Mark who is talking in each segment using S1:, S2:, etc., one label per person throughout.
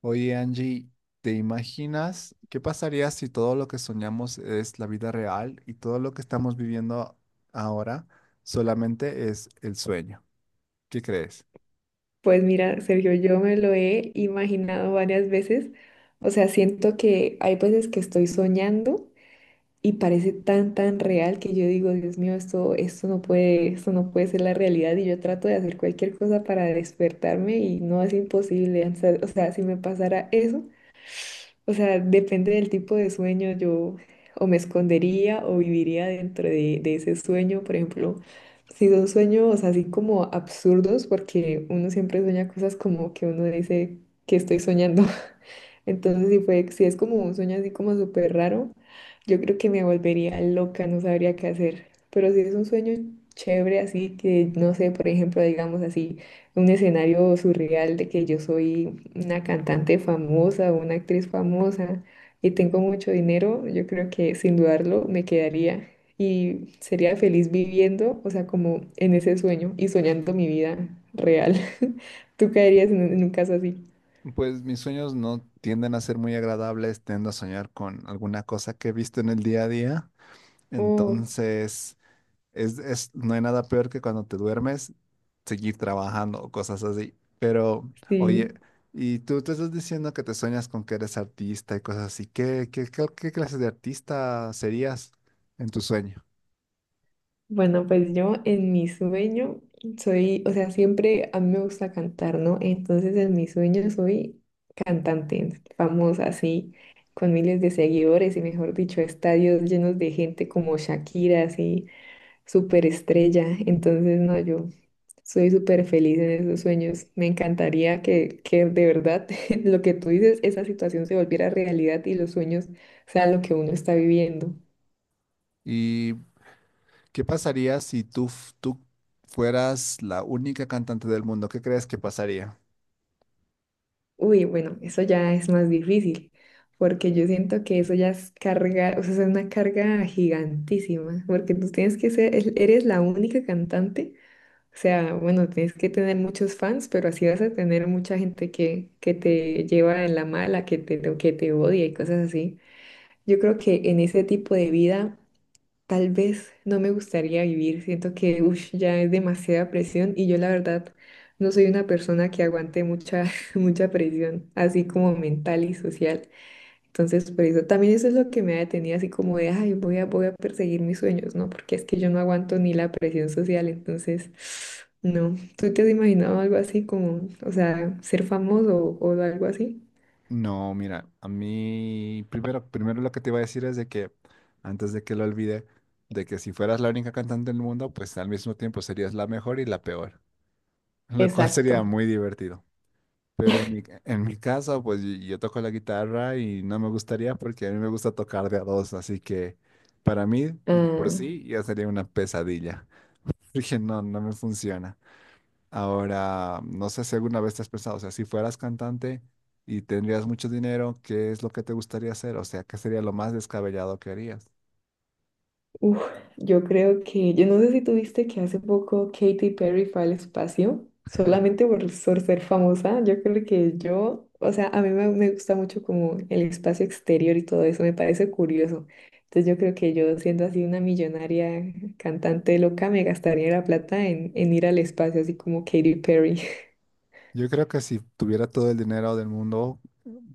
S1: Oye, Angie, ¿te imaginas qué pasaría si todo lo que soñamos es la vida real y todo lo que estamos viviendo ahora solamente es el sueño? ¿Qué crees?
S2: Pues mira, Sergio, yo me lo he imaginado varias veces. O sea, siento que hay veces que estoy soñando y parece tan real que yo digo, Dios mío, esto no puede ser la realidad. Y yo trato de hacer cualquier cosa para despertarme y no es imposible. O sea, si me pasara eso. O sea, depende del tipo de sueño, yo o me escondería o viviría dentro de ese sueño, por ejemplo, si son sueños así como absurdos, porque uno siempre sueña cosas como que uno dice que estoy soñando. Entonces, si es como un sueño así como súper raro, yo creo que me volvería loca, no sabría qué hacer. Pero si es un sueño chévere, así que, no sé, por ejemplo, digamos así, un escenario surreal de que yo soy una cantante famosa o una actriz famosa y tengo mucho dinero, yo creo que sin dudarlo me quedaría y sería feliz viviendo, o sea, como en ese sueño y soñando mi vida real. ¿Tú caerías en un caso así?
S1: Pues mis sueños no tienden a ser muy agradables, tiendo a soñar con alguna cosa que he visto en el día a día.
S2: Oh,
S1: Entonces, es no hay nada peor que cuando te duermes seguir trabajando o cosas así. Pero, oye,
S2: sí.
S1: y tú te estás diciendo que te sueñas con que eres artista y cosas así. ¿Qué clase de artista serías en tu sueño?
S2: Bueno, pues yo en mi sueño soy, o sea, siempre a mí me gusta cantar, ¿no? Entonces en mi sueño soy cantante famosa, así, con miles de seguidores y mejor dicho, estadios llenos de gente como Shakira, así, súper estrella. Entonces, no, yo soy súper feliz en esos sueños. Me encantaría que de verdad lo que tú dices, esa situación se volviera realidad y los sueños sean lo que uno está viviendo.
S1: ¿Y qué pasaría si tú fueras la única cantante del mundo? ¿Qué crees que pasaría?
S2: Uy, bueno, eso ya es más difícil, porque yo siento que eso ya es carga, o sea, es una carga gigantísima, porque tú tienes que ser, eres la única cantante, o sea, bueno, tienes que tener muchos fans, pero así vas a tener mucha gente que te lleva en la mala, que te odia y cosas así. Yo creo que en ese tipo de vida tal vez no me gustaría vivir, siento que ush, ya es demasiada presión y yo la verdad no soy una persona que aguante mucha, mucha presión, así como mental y social. Entonces, por eso también eso es lo que me ha detenido, así como de, ay, voy a perseguir mis sueños, ¿no? Porque es que yo no aguanto ni la presión social, entonces, no. ¿Tú te has imaginado algo así como, o sea, ser famoso o algo así?
S1: No, mira, a mí primero lo que te iba a decir es de que, antes de que lo olvide, de que si fueras la única cantante del mundo, pues al mismo tiempo serías la mejor y la peor, lo cual sería
S2: Exacto.
S1: muy divertido. Pero en mi caso, pues yo toco la guitarra y no me gustaría porque a mí me gusta tocar de a dos, así que para mí, de por
S2: Ah,
S1: sí, ya sería una pesadilla. Dije, no me funciona. Ahora, no sé si alguna vez te has pensado, o sea, si fueras cantante y tendrías mucho dinero, ¿qué es lo que te gustaría hacer? O sea, ¿qué sería lo más descabellado que harías?
S2: uf, yo creo que, yo no sé si tuviste que hace poco Katy Perry fue al espacio, solamente por ser famosa, yo creo que yo, o sea, a me gusta mucho como el espacio exterior y todo eso, me parece curioso. Entonces yo creo que yo siendo así una millonaria cantante loca, me gastaría la plata en ir al espacio, así como Katy Perry.
S1: Yo creo que si tuviera todo el dinero del mundo,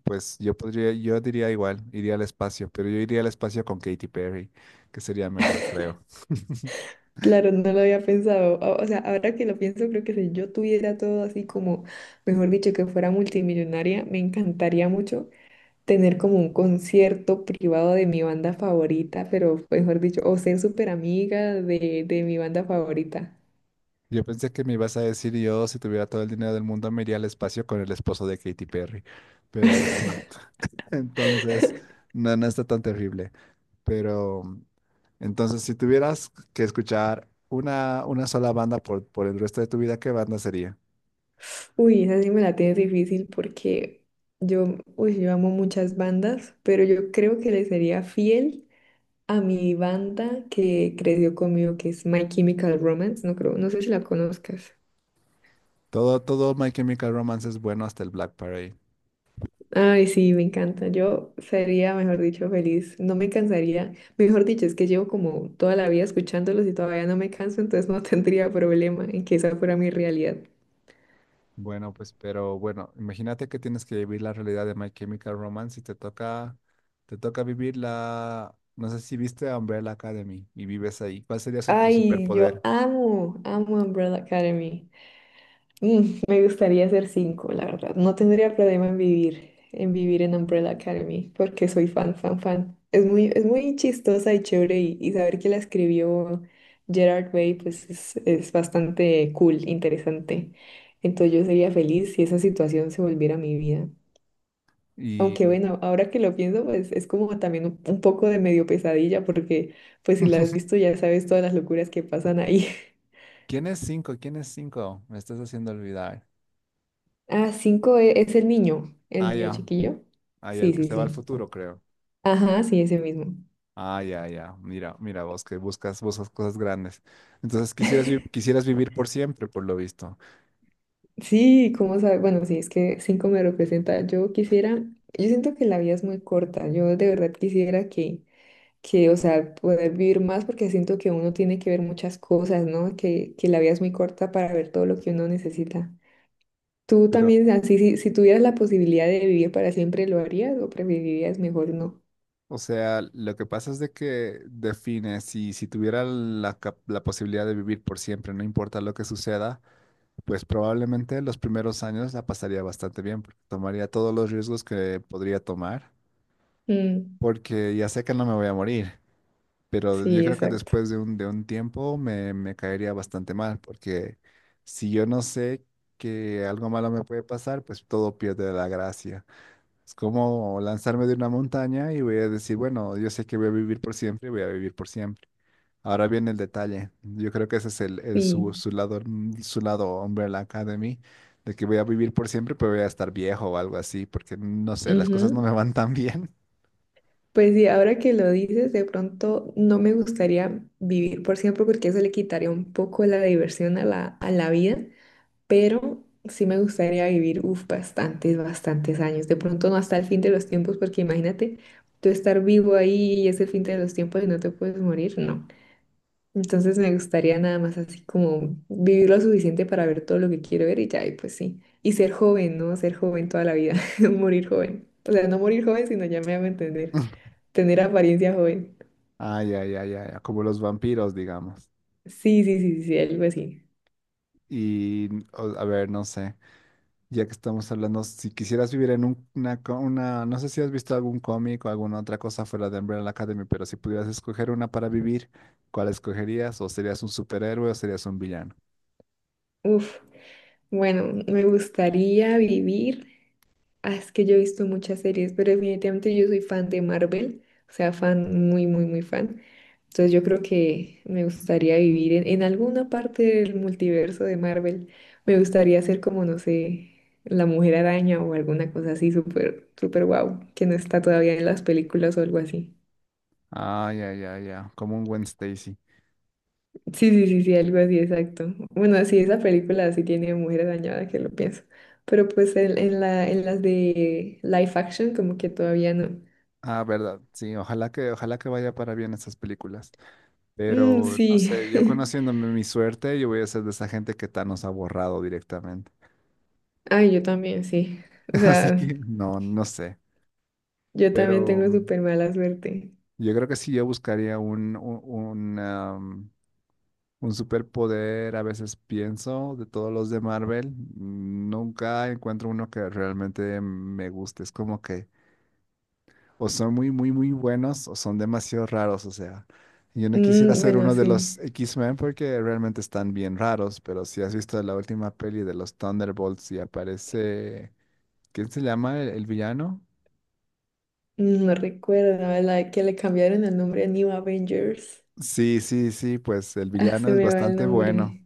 S1: pues yo podría, yo diría igual, iría al espacio, pero yo iría al espacio con Katy Perry, que sería mejor, creo.
S2: Claro, no lo había pensado. O sea, ahora que lo pienso, creo que si yo tuviera todo así como, mejor dicho, que fuera multimillonaria, me encantaría mucho tener como un concierto privado de mi banda favorita, pero mejor dicho, o ser súper amiga de mi banda favorita.
S1: Yo pensé que me ibas a decir yo, si tuviera todo el dinero del mundo, me iría al espacio con el esposo de Katy Perry. Pero bueno, entonces, no, no está tan terrible. Pero entonces, si tuvieras que escuchar una sola banda por el resto de tu vida, ¿qué banda sería?
S2: Uy, esa sí me la tienes difícil porque yo, uy, yo amo muchas bandas, pero yo creo que le sería fiel a mi banda que creció conmigo, que es My Chemical Romance. No creo, no sé si la conozcas.
S1: Todo My Chemical Romance es bueno hasta el Black Parade.
S2: Ay, sí, me encanta. Yo sería, mejor dicho, feliz. No me cansaría. Mejor dicho, es que llevo como toda la vida escuchándolos y todavía no me canso, entonces no tendría problema en que esa fuera mi realidad.
S1: Bueno, pues, pero bueno, imagínate que tienes que vivir la realidad de My Chemical Romance y te toca vivir la, no sé si viste Umbrella Academy y vives ahí. ¿Cuál sería su, tu
S2: Ay, yo
S1: superpoder?
S2: amo, amo Umbrella Academy. Mm, me gustaría hacer cinco, la verdad. No tendría problema en vivir, en vivir en Umbrella Academy, porque soy fan, fan, fan. Es muy chistosa y chévere y saber que la escribió Gerard Way, pues es bastante cool, interesante. Entonces yo sería feliz si esa situación se volviera mi vida.
S1: ¿Y
S2: Aunque bueno, ahora que lo pienso, pues es como también un poco de medio pesadilla, porque pues si la has visto ya sabes todas las locuras que pasan ahí.
S1: quién es cinco? ¿Quién es cinco? Me estás haciendo olvidar.
S2: Ah, cinco es el
S1: Ah,
S2: niño
S1: ya.
S2: chiquillo.
S1: Ah, ya,
S2: Sí,
S1: el que
S2: sí,
S1: se va al
S2: sí.
S1: futuro, creo.
S2: Ajá, sí, ese mismo.
S1: Ah, ya, ya. Mira, mira vos que buscas, buscas cosas grandes. Entonces quisieras, quisieras vivir por siempre, por lo visto.
S2: Sí, ¿cómo sabe? Bueno, sí, es que cinco me representa. Yo quisiera, yo siento que la vida es muy corta. Yo de verdad quisiera que, o sea, poder vivir más porque siento que uno tiene que ver muchas cosas, ¿no? Que la vida es muy corta para ver todo lo que uno necesita. ¿Tú
S1: Pero,
S2: también, así, si tuvieras la posibilidad de vivir para siempre, lo harías o preferirías mejor no?
S1: o sea, lo que pasa es de que define, si, si tuviera la, la posibilidad de vivir por siempre, no importa lo que suceda, pues probablemente los primeros años la pasaría bastante bien, porque tomaría todos los riesgos que podría tomar,
S2: Mm,
S1: porque ya sé que no me voy a morir. Pero yo
S2: sí,
S1: creo que
S2: exacto.
S1: después de un tiempo me caería bastante mal, porque si yo no sé que algo malo me puede pasar, pues todo pierde la gracia. Es como lanzarme de una montaña y voy a decir, bueno, yo sé que voy a vivir por siempre y voy a vivir por siempre. Ahora viene el detalle. Yo creo que ese es el su,
S2: Sí.
S1: su lado, su lado Umbrella Academy, de que voy a vivir por siempre, pero voy a estar viejo o algo así, porque no sé, las cosas no
S2: Ujú.
S1: me van tan bien.
S2: Pues sí, ahora que lo dices, de pronto no me gustaría vivir por siempre porque eso le quitaría un poco la diversión a a la vida, pero sí me gustaría vivir, uf, bastantes, bastantes años. De pronto no hasta el fin de los tiempos porque imagínate tú estar vivo ahí y es el fin de los tiempos y no te puedes morir, no. Entonces me gustaría nada más así como vivir lo suficiente para ver todo lo que quiero ver y ya, y pues sí. Y ser joven, ¿no? Ser joven toda la vida, morir joven. O sea, no morir joven, sino ya me hago entender, tener apariencia joven.
S1: ah, ya, ya, ya, ya, como los vampiros, digamos.
S2: Sí, sí, sí, sí, algo así.
S1: Y, a ver, no sé, ya que estamos hablando, si quisieras vivir en una, una, no sé si has visto algún cómic o alguna otra cosa fuera de Umbrella Academy, pero si pudieras escoger una para vivir, ¿cuál escogerías? ¿O serías un superhéroe o serías un villano?
S2: Uf, bueno, me gustaría vivir. Ah, es que yo he visto muchas series, pero definitivamente yo soy fan de Marvel, o sea, fan muy, muy, muy fan. Entonces yo creo que me gustaría vivir en alguna parte del multiverso de Marvel. Me gustaría ser como, no sé, la Mujer Araña o alguna cosa así súper, súper guau, que no está todavía en las películas o algo así.
S1: Ah, ya, ya, ya, como un Gwen Stacy.
S2: Sí, sí, sí, sí, algo así, exacto. Bueno, sí, esa película sí tiene Mujer Araña, que lo pienso. Pero pues en las de live action como que todavía no.
S1: Ah, verdad, sí, ojalá que vaya para bien esas películas.
S2: Mm,
S1: Pero, no
S2: sí.
S1: sé, yo conociéndome mi suerte, yo voy a ser de esa gente que Thanos ha borrado directamente.
S2: Ay, yo también, sí. O
S1: Así
S2: sea,
S1: que, no, no sé,
S2: yo también tengo
S1: pero...
S2: súper mala suerte.
S1: Yo creo que sí, yo buscaría un, un un superpoder. A veces pienso de todos los de Marvel. Nunca encuentro uno que realmente me guste. Es como que o son muy, muy, muy buenos o son demasiado raros. O sea, yo no quisiera
S2: Mm,
S1: ser
S2: bueno,
S1: uno de
S2: sí.
S1: los X-Men porque realmente están bien raros. Pero si has visto la última peli de los Thunderbolts y aparece... ¿Quién se llama el villano?
S2: Mm, no recuerdo, la de que le cambiaron el nombre a New Avengers.
S1: Sí, sí, sí, pues el
S2: Ah,
S1: villano
S2: se
S1: es
S2: me va el
S1: bastante bueno.
S2: nombre.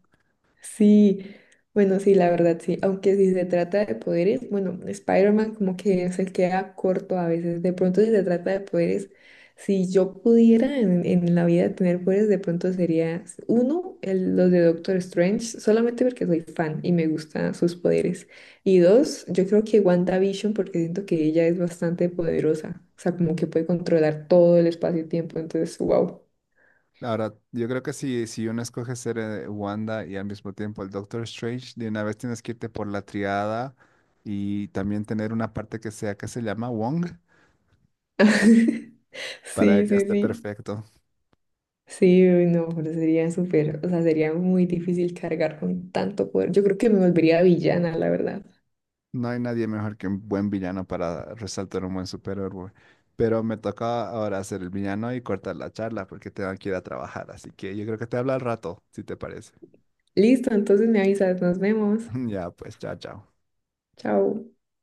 S2: Sí, bueno, sí, la verdad, sí. Aunque si se trata de poderes, bueno, Spider-Man como que se queda corto a veces. De pronto, si se trata de poderes, si yo pudiera en la vida tener poderes, de pronto sería uno, los de Doctor Strange, solamente porque soy fan y me gustan sus poderes. Y dos, yo creo que WandaVision, porque siento que ella es bastante poderosa. O sea, como que puede controlar todo el espacio y tiempo. Entonces, wow.
S1: Ahora, yo creo que si, si uno escoge ser Wanda y al mismo tiempo el Doctor Strange, de una vez tienes que irte por la triada y también tener una parte que sea que se llama Wong para
S2: Sí,
S1: que
S2: sí,
S1: esté
S2: sí.
S1: perfecto.
S2: Sí, uy, no, pero sería súper, o sea, sería muy difícil cargar con tanto poder. Yo creo que me volvería villana, la verdad.
S1: No hay nadie mejor que un buen villano para resaltar un buen superhéroe. Pero me toca ahora ser el villano y cortar la charla porque tengo que ir a trabajar. Así que yo creo que te hablo al rato, si te parece.
S2: Listo, entonces me avisas, nos vemos.
S1: Ya, pues, chao, chao.
S2: Chao.